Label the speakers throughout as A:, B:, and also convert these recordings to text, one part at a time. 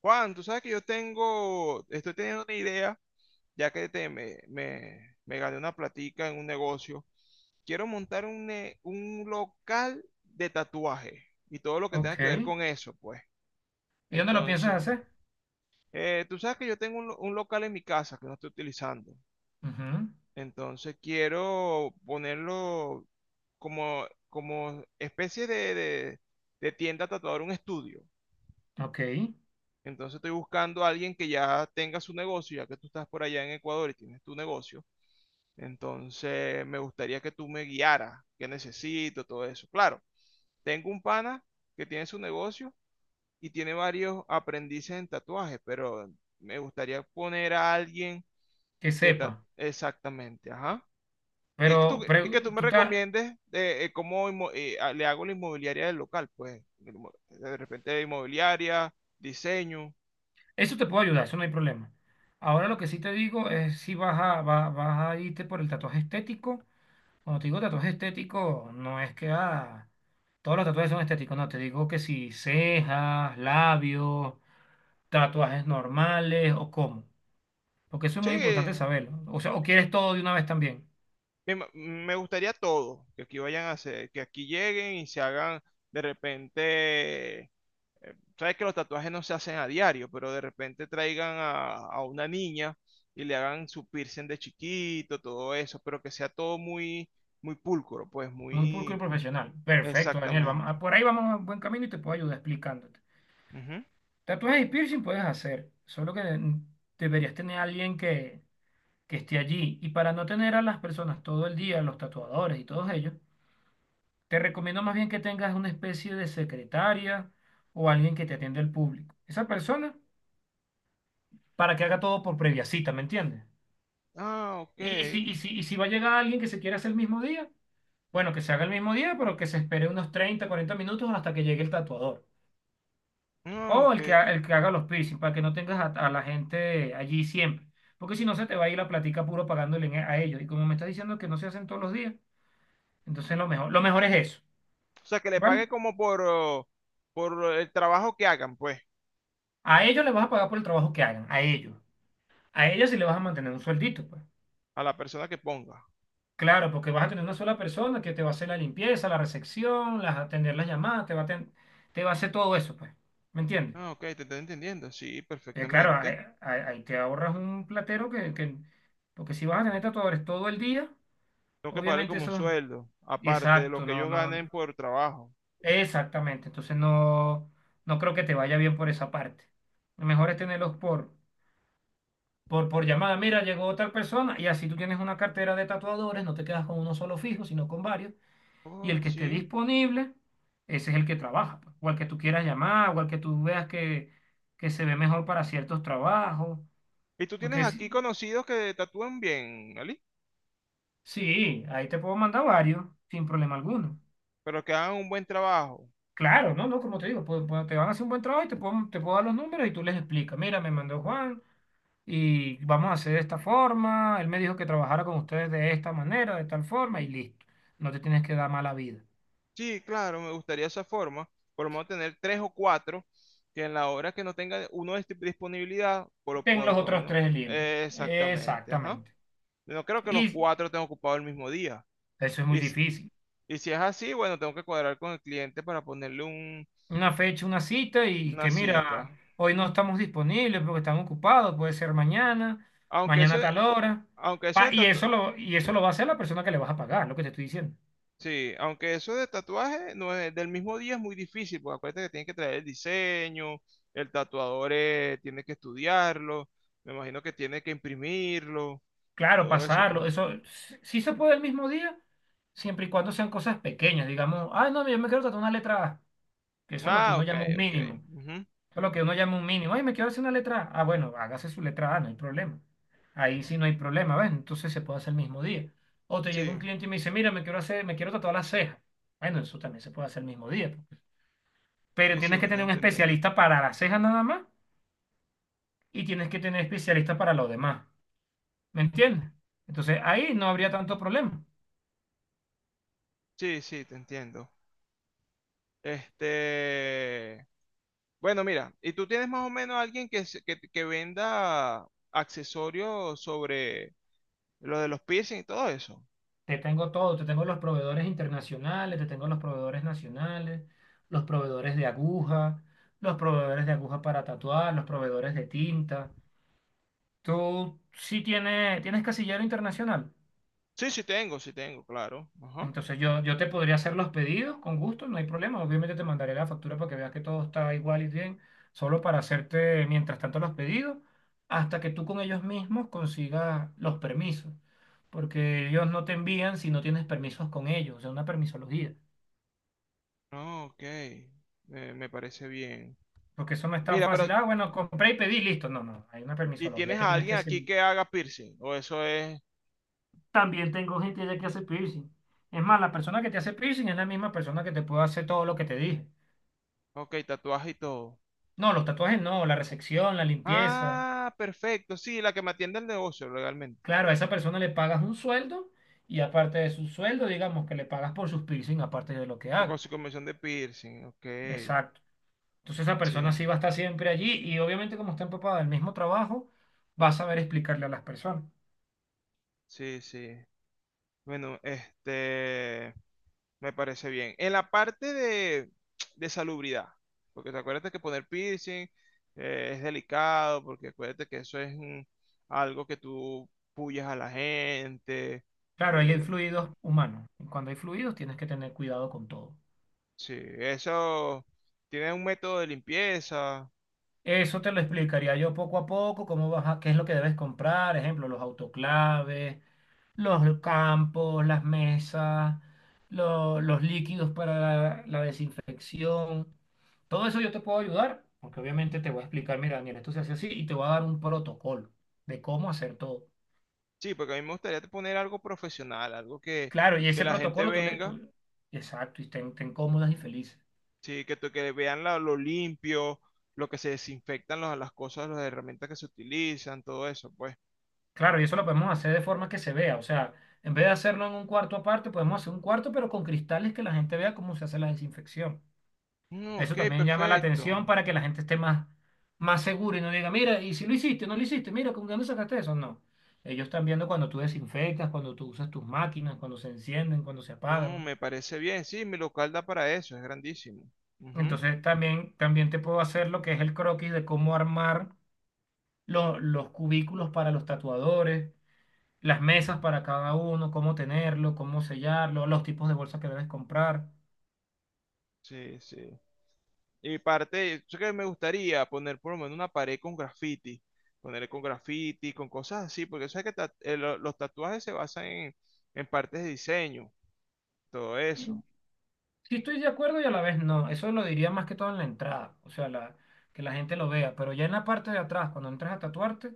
A: Juan, tú sabes que yo tengo, estoy teniendo una idea, ya que me gané una platica en un negocio. Quiero montar un local de tatuaje y todo lo que tenga que ver
B: Ok.
A: con eso, pues.
B: ¿Y dónde lo piensas
A: Entonces,
B: hacer?
A: tú sabes que yo tengo un local en mi casa que no estoy utilizando.
B: Ujú.
A: Entonces, quiero ponerlo como especie de tienda tatuador, un estudio.
B: Ok.
A: Entonces estoy buscando a alguien que ya tenga su negocio, ya que tú estás por allá en Ecuador y tienes tu negocio. Entonces me gustaría que tú me guiaras, qué necesito, todo eso. Claro, tengo un pana que tiene su negocio y tiene varios aprendices en tatuaje, pero me gustaría poner a alguien
B: Que sepa.
A: exactamente, ajá. Y que tú,
B: Pero,
A: y que tú
B: pre-
A: me
B: tú ta-
A: recomiendes cómo le hago la inmobiliaria del local, pues. De repente inmobiliaria, diseño.
B: Eso te puedo ayudar, eso no hay problema. Ahora lo que sí te digo es si vas a irte por el tatuaje estético. Cuando te digo tatuaje estético, no es que ah, todos los tatuajes son estéticos, no, te digo que si cejas, labios, tatuajes normales o cómo. Porque eso es
A: Sí,
B: muy importante saberlo. O sea, o quieres todo de una vez también.
A: me gustaría todo, que aquí vayan a hacer, que aquí lleguen y se hagan de repente, sabes que los tatuajes no se hacen a diario, pero de repente traigan a una niña y le hagan su piercing de chiquito, todo eso, pero que sea todo muy, muy pulcro, pues
B: Muy pulcro y
A: muy
B: profesional. Perfecto, Daniel.
A: exactamente.
B: Por ahí vamos a un buen camino y te puedo ayudar explicándote.
A: Ujú.
B: Tatuajes y piercing puedes hacer, solo que deberías tener a alguien que esté allí. Y para no tener a las personas todo el día, los tatuadores y todos ellos, te recomiendo más bien que tengas una especie de secretaria o alguien que te atienda el público. Esa persona para que haga todo por previa cita, ¿me entiendes?
A: Ah, ok.
B: Y si va a llegar alguien que se quiera hacer el mismo día, bueno, que se haga el mismo día, pero que se espere unos 30 40 minutos hasta que llegue el tatuador.
A: Ah,
B: O
A: ok.
B: el que, ha- El que haga los piercing, para que no tengas a la gente allí siempre. Porque si no, se te va a ir la platica puro pagándole a ellos. Y como me estás diciendo que no se hacen todos los días, entonces lo mejor es eso,
A: O sea, que le
B: ¿vale?
A: pague como por el trabajo que hagan, pues,
B: A ellos les vas a pagar por el trabajo que hagan, a ellos. A ellos sí les vas a mantener un sueldito, pues.
A: a la persona que ponga.
B: Claro, porque vas a tener una sola persona que te va a hacer la limpieza, la recepción, las, atender las llamadas, te va a hacer todo eso, pues. ¿Me entiendes?
A: Ah, ok, te estoy entendiendo, sí,
B: Claro,
A: perfectamente.
B: ahí te ahorras un platero que... Porque si vas a tener tatuadores todo el día...
A: Tengo que pagarle
B: Obviamente
A: como un
B: eso,
A: sueldo, aparte de lo
B: exacto,
A: que ellos ganen por trabajo.
B: exactamente. Entonces no, no creo que te vaya bien por esa parte. Lo mejor es tenerlos por llamada. Mira, llegó otra persona y así tú tienes una cartera de tatuadores, no te quedas con uno solo fijo, sino con varios. Y
A: Oh,
B: el que esté
A: sí.
B: disponible, ese es el que trabaja, pues, o al que tú quieras llamar, o al que tú veas que se ve mejor para ciertos trabajos.
A: Y tú tienes
B: Porque sí,
A: aquí conocidos que tatúan bien, Ali,
B: sí, ahí te puedo mandar varios, sin problema alguno.
A: pero que hagan un buen trabajo.
B: Claro, no, no, como te digo, te van a hacer un buen trabajo y te puedo dar los números y tú les explicas, mira, me mandó Juan y vamos a hacer de esta forma, él me dijo que trabajara con ustedes de esta manera, de tal forma y listo, no te tienes que dar mala vida.
A: Sí, claro, me gustaría esa forma. Por lo menos tener tres o cuatro que en la hora que no tenga uno de disponibilidad, por lo,
B: Ten
A: por,
B: los
A: por lo
B: otros
A: menos.
B: tres libres,
A: Exactamente, ajá.
B: exactamente.
A: No creo que los
B: Y
A: cuatro estén ocupados el mismo día.
B: eso es muy
A: Y, si-
B: difícil.
A: y si es así, bueno, tengo que cuadrar con el cliente para ponerle un,
B: Una fecha, una cita y
A: una
B: que
A: cita.
B: mira, hoy no estamos disponibles porque están ocupados, puede ser mañana,
A: Aunque
B: mañana
A: eso,
B: a tal hora.
A: aunque eso de tatu-
B: Y eso lo va a hacer la persona que le vas a pagar, lo que te estoy diciendo.
A: Sí, aunque eso de tatuaje no es del mismo día es muy difícil, porque acuérdate que tienes que traer el diseño, el tatuador tiene que estudiarlo, me imagino que tiene que imprimirlo,
B: Claro,
A: todo eso, pues.
B: pasarlo, eso sí se puede el mismo día, siempre y cuando sean cosas pequeñas, digamos, ay, no, yo me quiero tatuar una letra A, que eso es lo que
A: Ah,
B: uno
A: ok,
B: llama un
A: ok.
B: mínimo,
A: Ujú.
B: eso es lo que uno llama un mínimo, ay, me quiero hacer una letra A, ah, bueno, hágase su letra A, no hay problema, ahí sí no hay problema, ¿ves? Entonces se puede hacer el mismo día. O te llega
A: Sí,
B: un cliente y me dice, mira, me quiero tatuar la ceja, bueno, eso también se puede hacer el mismo día, pues. Pero
A: sí,
B: tienes
A: sí, te
B: que
A: estoy
B: tener un
A: entendiendo.
B: especialista para la ceja nada más y tienes que tener especialista para lo demás, ¿me entiendes? Entonces ahí no habría tanto problema.
A: Sí, sí, te entiendo. Este, bueno, mira, ¿y tú tienes más o menos alguien que, se- que venda accesorios sobre lo de los piercing y todo eso?
B: Te tengo todo, te tengo los proveedores internacionales, te tengo los proveedores nacionales, los proveedores de aguja, los proveedores de aguja para tatuar, los proveedores de tinta. Tú sí tienes, tienes casillero internacional.
A: Sí, sí tengo, claro. Ajá.
B: Entonces yo te podría hacer los pedidos con gusto, no hay problema. Obviamente te mandaré la factura para que veas que todo está igual y bien, solo para hacerte mientras tanto los pedidos, hasta que tú con ellos mismos consigas los permisos. Porque ellos no te envían si no tienes permisos con ellos, o sea, una permisología.
A: No, ok. Me parece bien.
B: Porque eso no es tan
A: Mira,
B: fácil.
A: pero
B: Ah, bueno, compré y pedí, listo. No, no, hay una
A: ¿y
B: permisología
A: tienes
B: que
A: a
B: tienes
A: alguien
B: que
A: aquí
B: seguir.
A: que haga piercing? O eso es,
B: También tengo gente ya que hace piercing. Es más, la persona que te hace piercing es la misma persona que te puede hacer todo lo que te dije.
A: ok, tatuaje y todo.
B: No, los tatuajes no, la resección, la limpieza.
A: Ah, perfecto. Sí, la que me atiende el negocio, legalmente.
B: Claro, a esa persona le pagas un sueldo y aparte de su sueldo, digamos que le pagas por sus piercing, aparte de lo que
A: Con
B: haga.
A: su comisión de piercing, ok.
B: Exacto. Entonces esa
A: Sí,
B: persona sí va a estar siempre allí y obviamente como está empapada del mismo trabajo, va a saber explicarle a las personas.
A: sí, sí. Bueno, este... Me parece bien. En la parte de salubridad, porque te acuérdate que poner piercing es delicado, porque acuérdate que eso es algo que tú puyas a la gente.
B: Claro, ahí hay
A: eh,
B: fluidos humanos. Y cuando hay fluidos, tienes que tener cuidado con todo.
A: sí, eso tiene un método de limpieza.
B: Eso te lo explicaría yo poco a poco, cómo qué es lo que debes comprar, ejemplo, los autoclaves, los campos, las mesas, los líquidos para la desinfección. Todo eso yo te puedo ayudar, porque obviamente te voy a explicar, mira, Daniel, esto se hace así y te voy a dar un protocolo de cómo hacer todo.
A: Sí, porque a mí me gustaría poner algo profesional, algo
B: Claro, y
A: que
B: ese
A: la gente
B: protocolo tú le...
A: venga,
B: tú- Exacto, y estén cómodas y felices.
A: sí, que vean lo limpio, lo que se desinfectan las cosas, las herramientas que se utilizan, todo eso, pues.
B: Claro, y eso lo podemos hacer de forma que se vea. O sea, en vez de hacerlo en un cuarto aparte, podemos hacer un cuarto, pero con cristales que la gente vea cómo se hace la desinfección.
A: Mm,
B: Eso
A: ok,
B: también llama la atención
A: perfecto.
B: para que la gente esté más, más segura y no diga, mira, y si lo hiciste, no lo hiciste, mira, ¿con dónde sacaste eso? No. Ellos están viendo cuando tú desinfectas, cuando tú usas tus máquinas, cuando se encienden, cuando se
A: No,
B: apagan.
A: me parece bien. Sí, mi local da para eso, es grandísimo. Ujú.
B: Entonces también, también te puedo hacer lo que es el croquis de cómo armar los cubículos para los tatuadores, las mesas para cada uno, cómo tenerlo, cómo sellarlo, los tipos de bolsa que debes comprar.
A: Sí, sí. Y parte, yo que me gustaría poner por lo menos una pared con graffiti. Ponerle con graffiti, con cosas así, porque sabes que los tatuajes se basan en partes de diseño, todo
B: Mm,
A: eso,
B: sí estoy de acuerdo y a la vez no. Eso lo diría más que todo en la entrada, o sea, que la gente lo vea. Pero ya en la parte de atrás, cuando entras a tatuarte,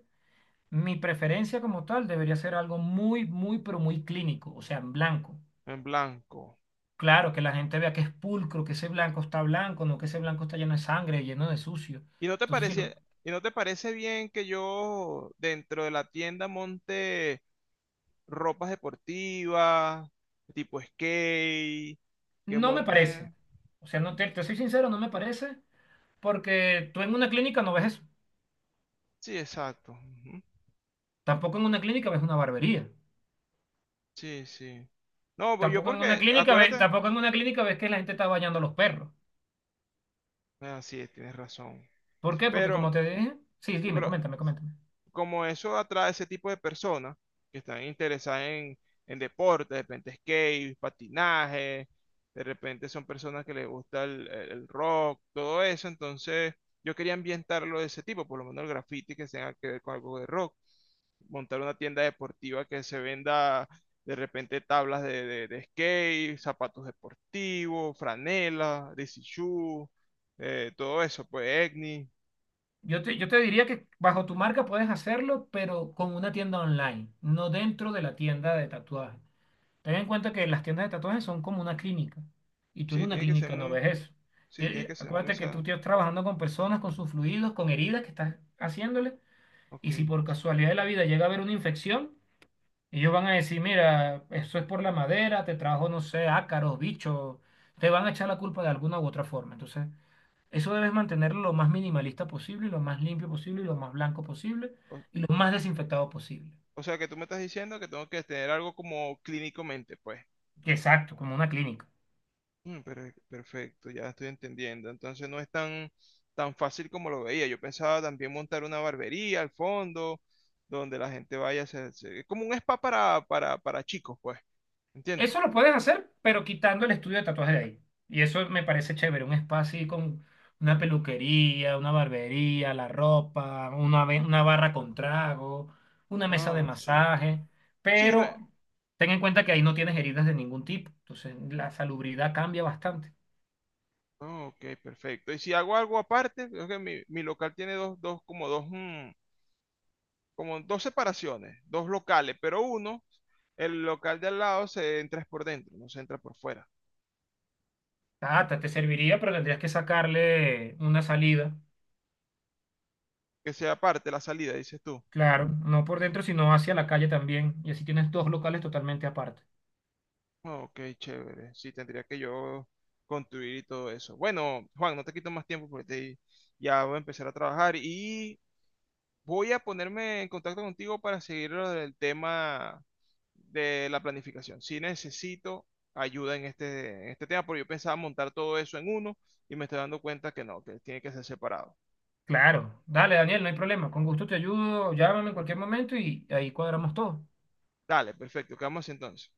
B: mi preferencia como tal debería ser algo muy, muy, pero muy clínico, o sea, en blanco.
A: en blanco.
B: Claro, que la gente vea que es pulcro, que ese blanco está blanco, no que ese blanco está lleno de sangre, lleno de sucio.
A: ¿Y no te
B: Entonces,
A: parece, y no te parece bien que yo dentro de la tienda monte ropas deportivas, tipo skate, que
B: no me parece.
A: monte?
B: O sea, no te, te soy sincero, no me parece, porque tú en una clínica no ves eso.
A: Sí, exacto. Ujú.
B: Tampoco en una clínica ves una barbería.
A: Sí, sí. No, pues yo
B: Tampoco en una
A: porque,
B: clínica ves,
A: acuérdate,
B: Tampoco en una clínica ves que la gente está bañando a los perros.
A: ah, sí, tienes razón.
B: ¿Por qué? Porque como
A: Pero,
B: te dije, sí, dime,
A: pero
B: coméntame, coméntame.
A: como eso atrae ese tipo de personas que están interesadas en deporte, de repente skate, patinaje, de repente son personas que les gusta el rock, todo eso, entonces yo quería ambientarlo de ese tipo, por lo menos el graffiti que tenga que ver con algo de rock. Montar una tienda deportiva que se venda de repente tablas de skate, zapatos deportivos, franelas, DC shoe, todo eso, pues Egni.
B: Yo te diría que bajo tu marca puedes hacerlo, pero con una tienda online, no dentro de la tienda de tatuajes. Ten en cuenta que las tiendas de tatuajes son como una clínica y tú en
A: Sí,
B: una
A: tiene que ser
B: clínica no
A: muy,
B: ves eso.
A: sí, tiene que ser muy,
B: Acuérdate que tú
A: sa-
B: estás trabajando con personas, con sus fluidos, con heridas que estás haciéndole
A: ok.
B: y si por casualidad de la vida llega a haber una infección, ellos van a decir, mira, eso es por la madera, te trajo, no sé, ácaros, bichos, te van a echar la culpa de alguna u otra forma. Entonces, eso debes mantenerlo lo más minimalista posible, lo más limpio posible, lo más blanco posible
A: O,
B: y lo más desinfectado posible.
A: o sea que tú me estás diciendo que tengo que tener algo como clínicamente, pues.
B: Exacto, como una clínica.
A: Mm, Perfecto, ya estoy entendiendo. Entonces no es tan, tan fácil como lo veía. Yo pensaba también montar una barbería al fondo, donde la gente vaya a es como un spa para chicos, pues. ¿Entiendes?
B: Eso lo puedes hacer, pero quitando el estudio de tatuajes de ahí. Y eso me parece chévere, un espacio así con una peluquería, una barbería, la ropa, una barra con trago, una mesa de
A: Ah, sí.
B: masaje.
A: Sí, no
B: Pero
A: es-
B: ten en cuenta que ahí no tienes heridas de ningún tipo. Entonces la salubridad cambia bastante.
A: Ah, ok, perfecto. Y si hago algo aparte, creo que mi local tiene dos, dos, como dos, mm, como dos separaciones, dos locales, pero uno, el local de al lado se entra es por dentro, no se entra por fuera.
B: Tata, te serviría, pero tendrías que sacarle una salida.
A: Que sea aparte la salida, dices tú.
B: Claro, no por dentro, sino hacia la calle también. Y así tienes dos locales totalmente aparte.
A: Ok, chévere. Sí, tendría que yo construir y todo eso. Bueno, Juan, no te quito más tiempo porque ya voy a empezar a trabajar y voy a ponerme en contacto contigo para seguir lo del tema de la planificación. Sí necesito ayuda en este tema porque yo pensaba montar todo eso en uno y me estoy dando cuenta que no, que tiene que ser separado.
B: Claro, dale Daniel, no hay problema, con gusto te ayudo, llámame en cualquier momento y ahí cuadramos todo.
A: Dale, perfecto. ¿Qué vamos a hacer entonces?